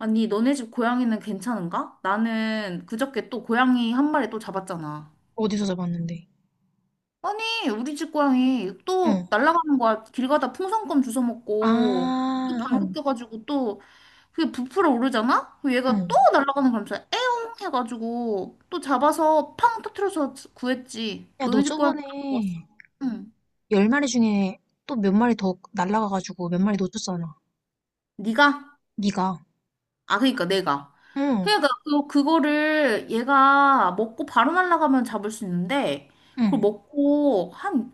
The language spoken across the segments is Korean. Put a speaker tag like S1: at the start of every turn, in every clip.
S1: 아니, 너네 집 고양이는 괜찮은가? 나는 그저께 또 고양이 한 마리 또 잡았잖아.
S2: 어디서 잡았는데?
S1: 아니, 우리 집 고양이
S2: 어.
S1: 또 날아가는 거야. 길 가다 풍선껌 주워 먹고
S2: 아,
S1: 또
S2: 어,
S1: 방귀 껴가지고 또 그게 부풀어 오르잖아? 그럼
S2: 어.
S1: 얘가 또 날아가는 거면서 에용 해가지고 또 잡아서 팡 터트려서 구했지.
S2: 야, 너
S1: 너네 집 고양이 안 구웠어?
S2: 저번에
S1: 응.
S2: 열 마리 중에 또 몇 마리 더 날라가가지고 몇 마리 놓쳤잖아.
S1: 네가?
S2: 네가.
S1: 아, 그니까 내가.
S2: 응,
S1: 그러니까 그, 그거를 얘가 먹고 바로 날아가면 잡을 수 있는데 그걸
S2: 응.
S1: 먹고 한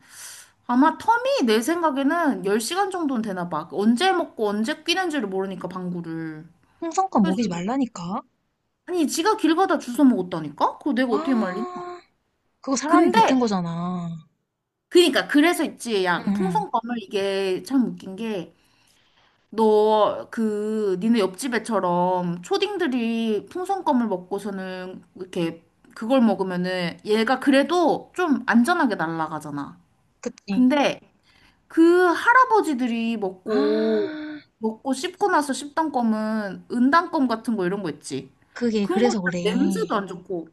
S1: 아마 텀이 내 생각에는 10시간 정도는 되나 봐. 언제 먹고 언제 끼는지를 모르니까 방구를.
S2: 홍성껏
S1: 그래서
S2: 먹이지 말라니까.
S1: 아니 지가 길 가다 주워 먹었다니까? 그거 내가 어떻게 말리냐?
S2: 아, 그거 사람이 뱉은
S1: 근데
S2: 거잖아.
S1: 그니까 그래서 있지.
S2: 응,
S1: 야,
S2: 응.
S1: 풍선껌을 이게 참 웃긴 게 너, 그, 니네 옆집애처럼 초딩들이 풍선껌을 먹고서는 이렇게 그걸 먹으면은 얘가 그래도 좀 안전하게 날아가잖아.
S2: 그치.
S1: 근데 그 할아버지들이 먹고,
S2: 아,
S1: 먹고 씹고 나서 씹던 껌은 은단껌 같은 거 이런 거 있지.
S2: 그게
S1: 그런 거
S2: 그래서
S1: 일단
S2: 그래.
S1: 냄새도 안 좋고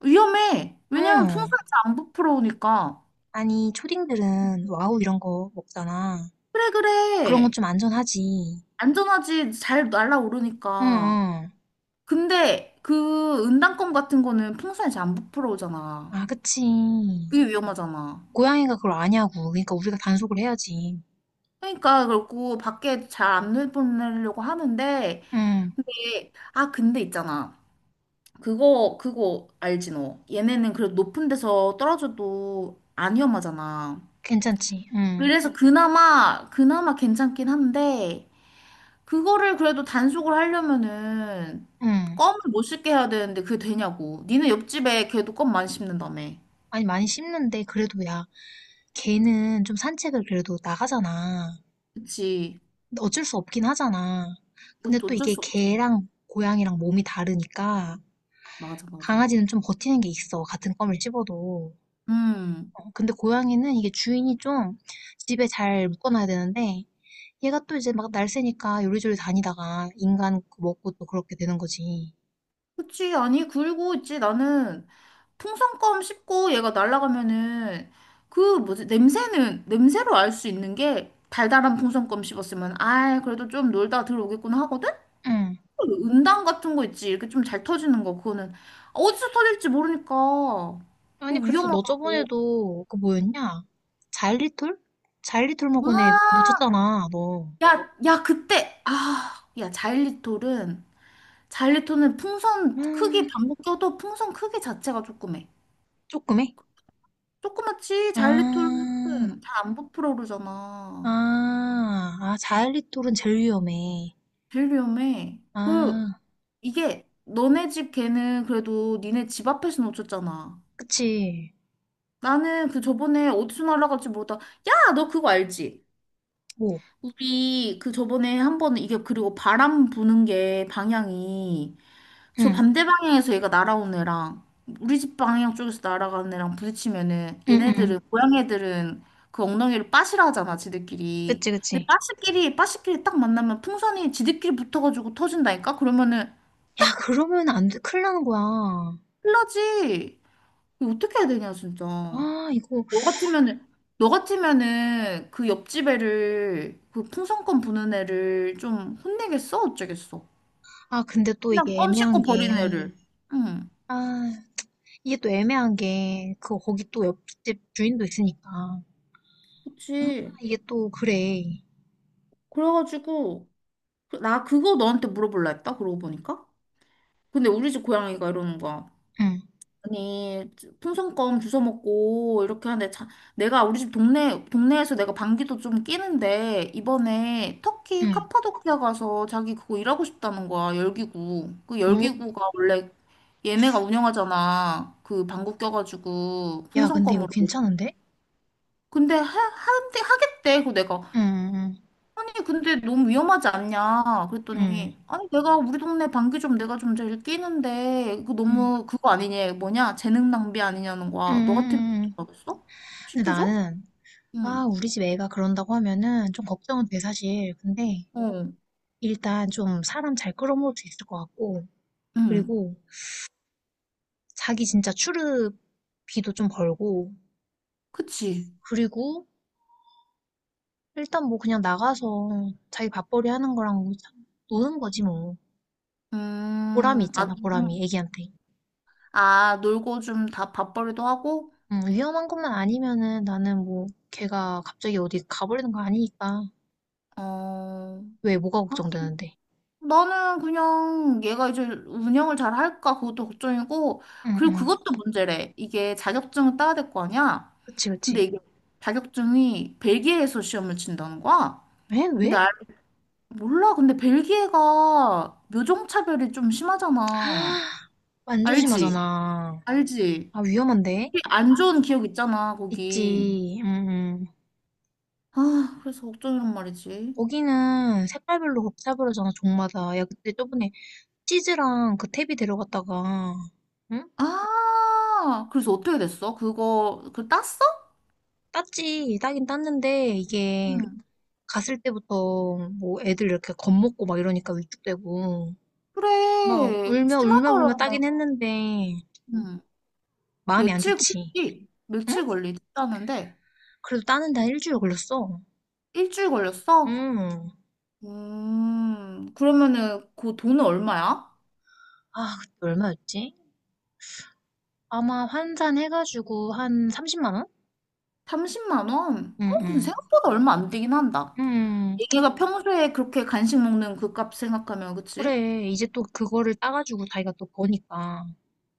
S1: 위험해. 왜냐면
S2: 응.
S1: 풍선 잘안 부풀어오니까.
S2: 아니, 초딩들은 와우 이런 거 먹잖아.
S1: 그래,
S2: 그런 건
S1: 그래.
S2: 좀 안전하지.
S1: 안전하지. 잘
S2: 응,
S1: 날아오르니까.
S2: 응.
S1: 근데 그 은단껌 같은 거는 풍선이 잘 안 부풀어오잖아.
S2: 아, 그치.
S1: 그게 위험하잖아.
S2: 고양이가 그걸 아냐고. 그러니까 우리가 단속을 해야지.
S1: 그러니까 그렇고 밖에 잘 안 내보내려고 하는데
S2: 응,
S1: 근데 아 근데 있잖아. 그거 알지 너. 얘네는 그래도 높은 데서 떨어져도 안 위험하잖아.
S2: 괜찮지. 응,
S1: 그래서 그나마 그나마 괜찮긴 한데 그거를 그래도 단속을 하려면은
S2: 응.
S1: 껌을 못 씹게 해야 되는데 그게 되냐고. 니네 옆집에 걔도 껌 많이 씹는다며.
S2: 아니, 많이 씹는데, 그래도 야, 개는 좀 산책을 그래도 나가잖아.
S1: 그치.
S2: 근데 어쩔 수 없긴 하잖아. 근데
S1: 그것도
S2: 또
S1: 어쩔
S2: 이게
S1: 수 없지.
S2: 개랑 고양이랑 몸이 다르니까,
S1: 맞아, 맞아.
S2: 강아지는 좀 버티는 게 있어. 같은 껌을 씹어도.
S1: 음.
S2: 어, 근데 고양이는 이게 주인이 좀 집에 잘 묶어놔야 되는데, 얘가 또 이제 막 날쌔니까 요리조리 다니다가 인간 그 먹고 또 그렇게 되는 거지.
S1: 그치. 아니, 그리고 있지. 나는 풍선껌 씹고 얘가 날아가면은 그 뭐지? 냄새는, 냄새로 알 수 있는 게 달달한 풍선껌 씹었으면 아이, 그래도 좀 놀다 들어오겠구나 하거든?
S2: 응.
S1: 그 은단 같은 거 있지. 이렇게 좀 잘 터지는 거. 그거는 어디서 터질지 모르니까.
S2: 아니,
S1: 그거
S2: 그래서 너
S1: 위험하다고.
S2: 저번에도 그 뭐였냐? 자일리톨? 자일리톨
S1: 와!
S2: 먹은 애 놓쳤잖아, 너.
S1: 야, 야, 그때. 아, 야, 자일리톨은 자일리토는 풍선 크기
S2: 음,
S1: 반복 껴도 풍선 크기 자체가 조그매.
S2: 조금해?
S1: 조그맣지 자일리토는
S2: 아,
S1: 잘 안 부풀어 오르잖아.
S2: 아, 아, 자일리톨은 제일 위험해.
S1: 제일 위험해. 그
S2: 아,
S1: 이게 너네 집 개는 그래도 니네 집 앞에서 놓쳤잖아.
S2: 그치.
S1: 나는 그 저번에 어디서 날아갈지 모르다. 야, 너 그거 알지?
S2: 뭐,
S1: 우리 그 저번에 한 번은 이게 그리고 바람 부는 게 방향이 저
S2: 응,
S1: 반대 방향에서 얘가 날아온 애랑 우리 집 방향 쪽에서 날아가는 애랑 부딪히면은
S2: 응, 응.
S1: 얘네들은 고양 애들은 그 엉덩이를 빠시라 하잖아 지들끼리
S2: 그치,
S1: 근데
S2: 그치.
S1: 빠시끼리 빠시끼리 딱 만나면 풍선이 지들끼리 붙어가지고 터진다니까 그러면은
S2: 야, 그러면 안 돼. 큰일 나는 거야.
S1: 큰일나지. 이거 어떻게 해야 되냐 진짜.
S2: 아, 이거,
S1: 너 같으면은 너 같으면은 그 옆집 애를 그 풍선껌 부는 애를 좀 혼내겠어 어쩌겠어.
S2: 아, 근데 또
S1: 그냥
S2: 이게
S1: 껌
S2: 애매한
S1: 씹고
S2: 게,
S1: 버리는 애를. 응.
S2: 아, 이게 또 애매한 게, 그, 거기 또 옆집 주인도 있으니까. 아,
S1: 그치.
S2: 이게 또, 그래.
S1: 그래가지고 나 그거 너한테 물어볼라 했다. 그러고 보니까. 근데 우리 집 고양이가 이러는 거야.
S2: 응.
S1: 아니, 풍선껌 주워 먹고 이렇게 하는데 자, 내가 우리 집 동네 동네에서 내가 방귀도 좀 뀌는데 이번에 터키
S2: 응.
S1: 카파도키아 가서 자기 그거 일하고 싶다는 거야. 열기구. 그
S2: 오,
S1: 열기구가 원래 얘네가 운영하잖아. 그 방구 껴가지고
S2: 야, 근데 이거
S1: 풍선껌으로.
S2: 괜찮은데?
S1: 근데 한대 하겠대. 그 내가
S2: 응,
S1: 아니, 근데 너무 위험하지 않냐?
S2: 응,
S1: 그랬더니, 아니, 내가 우리 동네 방귀 좀 내가 좀 제일 끼는데, 이거
S2: 응, 응,
S1: 너무 그거 아니냐? 뭐냐? 재능 낭비 아니냐는
S2: 응,
S1: 거야. 너 같으면
S2: 응. 응.
S1: 어떡하겠어?
S2: 근데
S1: 시켜줘?
S2: 나는,
S1: 응,
S2: 아, 우리 집 애가 그런다고 하면은 좀 걱정은 돼, 사실. 근데
S1: 어,
S2: 일단 좀 사람 잘 끌어모을 수 있을 것 같고,
S1: 응,
S2: 그리고 자기 진짜 출입비도 좀 벌고,
S1: 그치.
S2: 그리고 일단 뭐 그냥 나가서 자기 밥벌이 하는 거랑 뭐 참 노는 거지 뭐. 보람이
S1: 음, 아,
S2: 있잖아, 보람이,
S1: 음,
S2: 애기한테.
S1: 아, 놀고 좀 다 밥벌이도 하고,
S2: 응, 위험한 것만 아니면은 나는 뭐 걔가 갑자기 어디 가버리는 거 아니니까.
S1: 어,
S2: 왜 뭐가
S1: 아,
S2: 걱정되는데?
S1: 나는 그냥 얘가 이제 운영을 잘 할까 그것도 걱정이고 그리고
S2: 응응.
S1: 그것도 문제래. 이게 자격증을 따야 될 거 아니야?
S2: 그치,
S1: 근데
S2: 그치.
S1: 이게 자격증이 벨기에에서 시험을 친다는 거야?
S2: 왜? 왜?
S1: 근데 몰라. 근데 벨기에가 묘종차별이 좀 심하잖아.
S2: 아, 완전
S1: 알지?
S2: 심하잖아.
S1: 알지?
S2: 아, 위험한데?
S1: 되게 안 좋은 기억 있잖아, 거기.
S2: 있지. 응응.
S1: 아, 그래서 걱정이란 말이지.
S2: 거기는 색깔별로 곱차별하잖아 종마다. 야, 그때 저번에 치즈랑 그 탭이 데려갔다가, 응?
S1: 아, 그래서 어떻게 됐어? 그거, 그 땄어?
S2: 땄지. 따긴 땄는데, 이게
S1: 응.
S2: 갔을 때부터 뭐 애들 이렇게 겁먹고 막 이러니까 위축되고. 막
S1: 그래, 그
S2: 울며 울며 울며
S1: 심하더라고.
S2: 따긴 했는데,
S1: 응,
S2: 마음이 안
S1: 며칠
S2: 좋지.
S1: 걸리지?
S2: 응?
S1: 며칠 걸리지? 하는데
S2: 그래도 따는데 한 일주일 걸렸어.
S1: 일주일 걸렸어?
S2: 응.
S1: 그러면은 그 돈은 얼마야?
S2: 아 그때 얼마였지? 아마 환산해 가지고 한 30만 원?
S1: 30만 원? 어, 근데
S2: 응응
S1: 생각보다 얼마 안 되긴 한다.
S2: 응
S1: 얘네가 평소에 그렇게 간식 먹는 그 값 생각하면, 그치?
S2: 그래. 이제 또 그거를 따 가지고 자기가 또 버니까.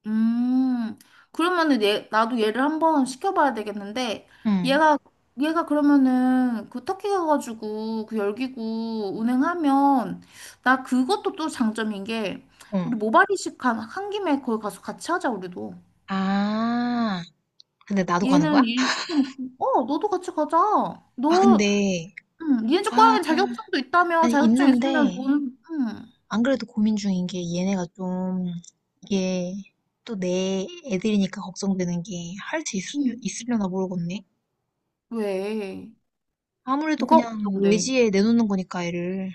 S1: 음, 그러면은 얘, 나도 얘를 한번 시켜봐야 되겠는데,
S2: 응.
S1: 얘가, 얘가 그러면은 그 터키 가가지고 그 열기구 운행하면, 나 그것도 또 장점인 게, 우리
S2: 응
S1: 모발이식 한 김에 거기 가서 같이 하자, 우리도.
S2: 아. 근데 나도 가는
S1: 얘는
S2: 거야?
S1: 일 시켜놓고, 어, 너도 같이 가자.
S2: 아
S1: 너,
S2: 근데
S1: 니네 집
S2: 아
S1: 고양이는 자격증도 있다며,
S2: 아니
S1: 자격증 있으면
S2: 있는데
S1: 뭔,
S2: 안 그래도 고민 중인 게 얘네가 좀 이게 또 내 애들이니까 걱정되는 게 할 수
S1: 음.
S2: 있으려나 모르겠네.
S1: 왜?
S2: 아무래도
S1: 뭐가
S2: 그냥
S1: 걱정돼?
S2: 외지에 내놓는 거니까 애를.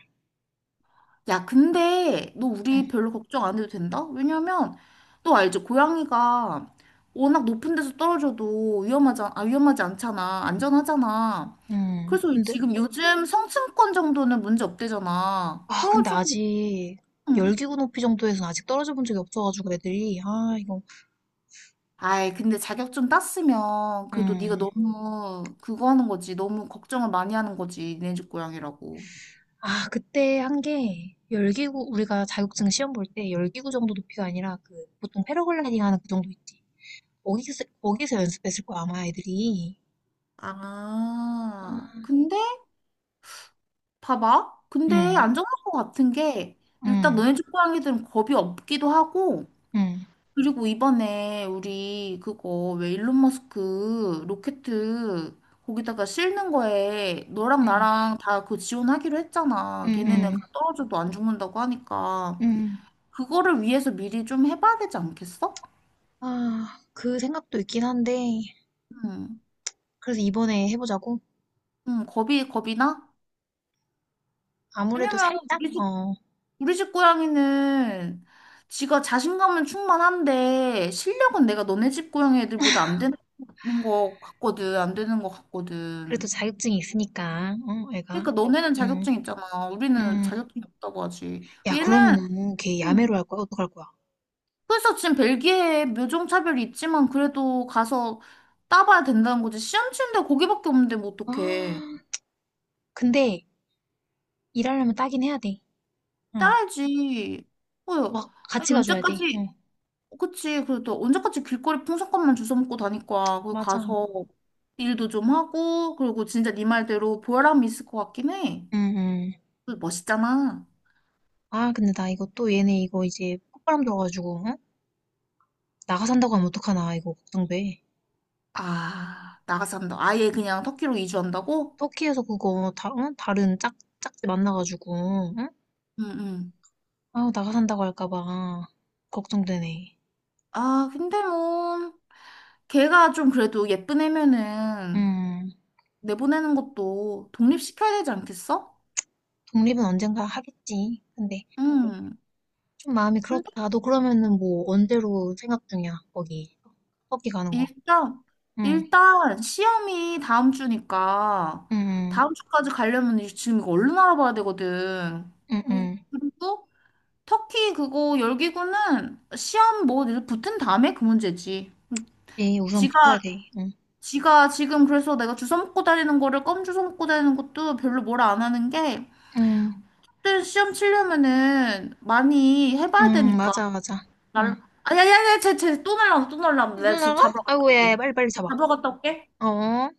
S1: 야, 근데 너 우리
S2: 응.
S1: 별로 걱정 안 해도 된다? 왜냐면 너 알지? 고양이가 워낙 높은 데서 떨어져도 위험하지, 아, 위험하지 않잖아. 안전하잖아.
S2: 응
S1: 그래서
S2: 근데
S1: 지금 요즘 성층권 정도는 문제 없대잖아.
S2: 아, 근데
S1: 그래가지고,
S2: 아직
S1: 음.
S2: 열기구 높이 정도에서는 아직 떨어져 본 적이 없어가지고 애들이 아 이거
S1: 아이, 근데 자격증 땄으면 그래도 네가
S2: 음
S1: 너무 그거 하는 거지. 너무 걱정을 많이 하는 거지. 네 집 고양이라고.
S2: 아 그때 한 게 열기구 우리가 자격증 시험 볼 때 열기구 정도 높이가 아니라 그 보통 패러글라이딩 하는 그 정도 있지 거기서 거기서 연습했을 거야 아마 애들이
S1: 아, 근데 봐봐. 근데 안전할 것 같은 게 일단 너네 집 고양이들은 겁이 없기도 하고 그리고 이번에 우리 그거 왜 일론 머스크 로켓 거기다가 싣는 거에 너랑
S2: 음음음음음음아
S1: 나랑 다 그 지원하기로 했잖아. 걔네는 떨어져도 안 죽는다고 하니까 그거를 위해서 미리 좀 해봐야 되지 않겠어?
S2: 그 생각도 있긴 한데
S1: 응,
S2: 그래서 이번에 해보자고
S1: 응, 겁이 나?
S2: 아무래도
S1: 왜냐면
S2: 살짝
S1: 우리 집
S2: 어
S1: 우리 집 고양이는 지가 자신감은 충만한데 실력은 내가 너네 집 고양이 애들보다 안 되는 거 같거든. 안 되는 거
S2: 그래도
S1: 같거든.
S2: 자격증이 있으니까 어 애가
S1: 그러니까 너네는
S2: 음.
S1: 자격증 있잖아. 우리는
S2: 음.
S1: 자격증이 없다고 하지.
S2: 야,
S1: 얘는
S2: 그러면은 걔 야매로
S1: 음.
S2: 할 거야? 어떡할 거야?
S1: 그래서 지금 벨기에 묘종차별이 있지만 그래도 가서 따봐야 된다는 거지. 시험 치는데 거기밖에 없는데 뭐 어떡해.
S2: 아, 근데 일하려면 따긴 해야 돼. 응.
S1: 따야지. 어,
S2: 막
S1: 아니,
S2: 같이 가줘야 돼. 응.
S1: 언제까지 그치. 그리고 또 언제까지 길거리 풍선껌만 주워 먹고 다닐 거야. 거
S2: 맞아.
S1: 가서 일도 좀 하고, 그리고 진짜 네 말대로 보람이 있을 것 같긴 해.
S2: 응, 응.
S1: 그 멋있잖아.
S2: 아, 근데 나 이거 또 얘네 이거 이제 폭발함 들어가지고, 응? 나가 산다고 하면 어떡하나, 이거 걱정돼.
S1: 아, 나가서 한다. 아예 그냥 터키로 이주한다고?
S2: 터키에서 그거 다, 응? 다른 짝, 짝지 만나가지고, 응?
S1: 응, 응.
S2: 아우, 나가 산다고 할까봐. 걱정되네.
S1: 아, 근데 뭐, 걔가 좀 그래도 예쁜 애면은
S2: 음,
S1: 내보내는 것도 독립시켜야 되지 않겠어?
S2: 독립은 언젠가 하겠지. 근데,
S1: 응.
S2: 좀 마음이 그렇다. 너 그러면은 뭐 언제로 생각 중이야? 거기 터키 가는 거.
S1: 일단,
S2: 응,
S1: 일단 시험이 다음 주니까
S2: 응,
S1: 다음 주까지 가려면 지금 이거 얼른 알아봐야 되거든.
S2: 응, 응,
S1: 그리고 터키 그거 열기구는 시험 뭐 이렇게 붙은 다음에 그 문제지.
S2: 응. 우선
S1: 지가
S2: 붙어야 돼. 응,
S1: 지가 지금 그래서 내가 주워 먹고 다니는 거를 껌 주워 먹고 다니는 것도 별로 뭐라 안 하는 게
S2: 응,
S1: 그때 시험 치려면은 많이 해봐야
S2: 응,
S1: 되니까.
S2: 맞아, 맞아. 응.
S1: 날 아야야야 쟤쟤또 날라온다 또 날라온다. 내가 지금
S2: 누나가?
S1: 잡으러 갔다
S2: 아이고, 야, 야,
S1: 올게.
S2: 빨리빨리 잡아.
S1: 잡으러 갔다 올게.
S2: 어.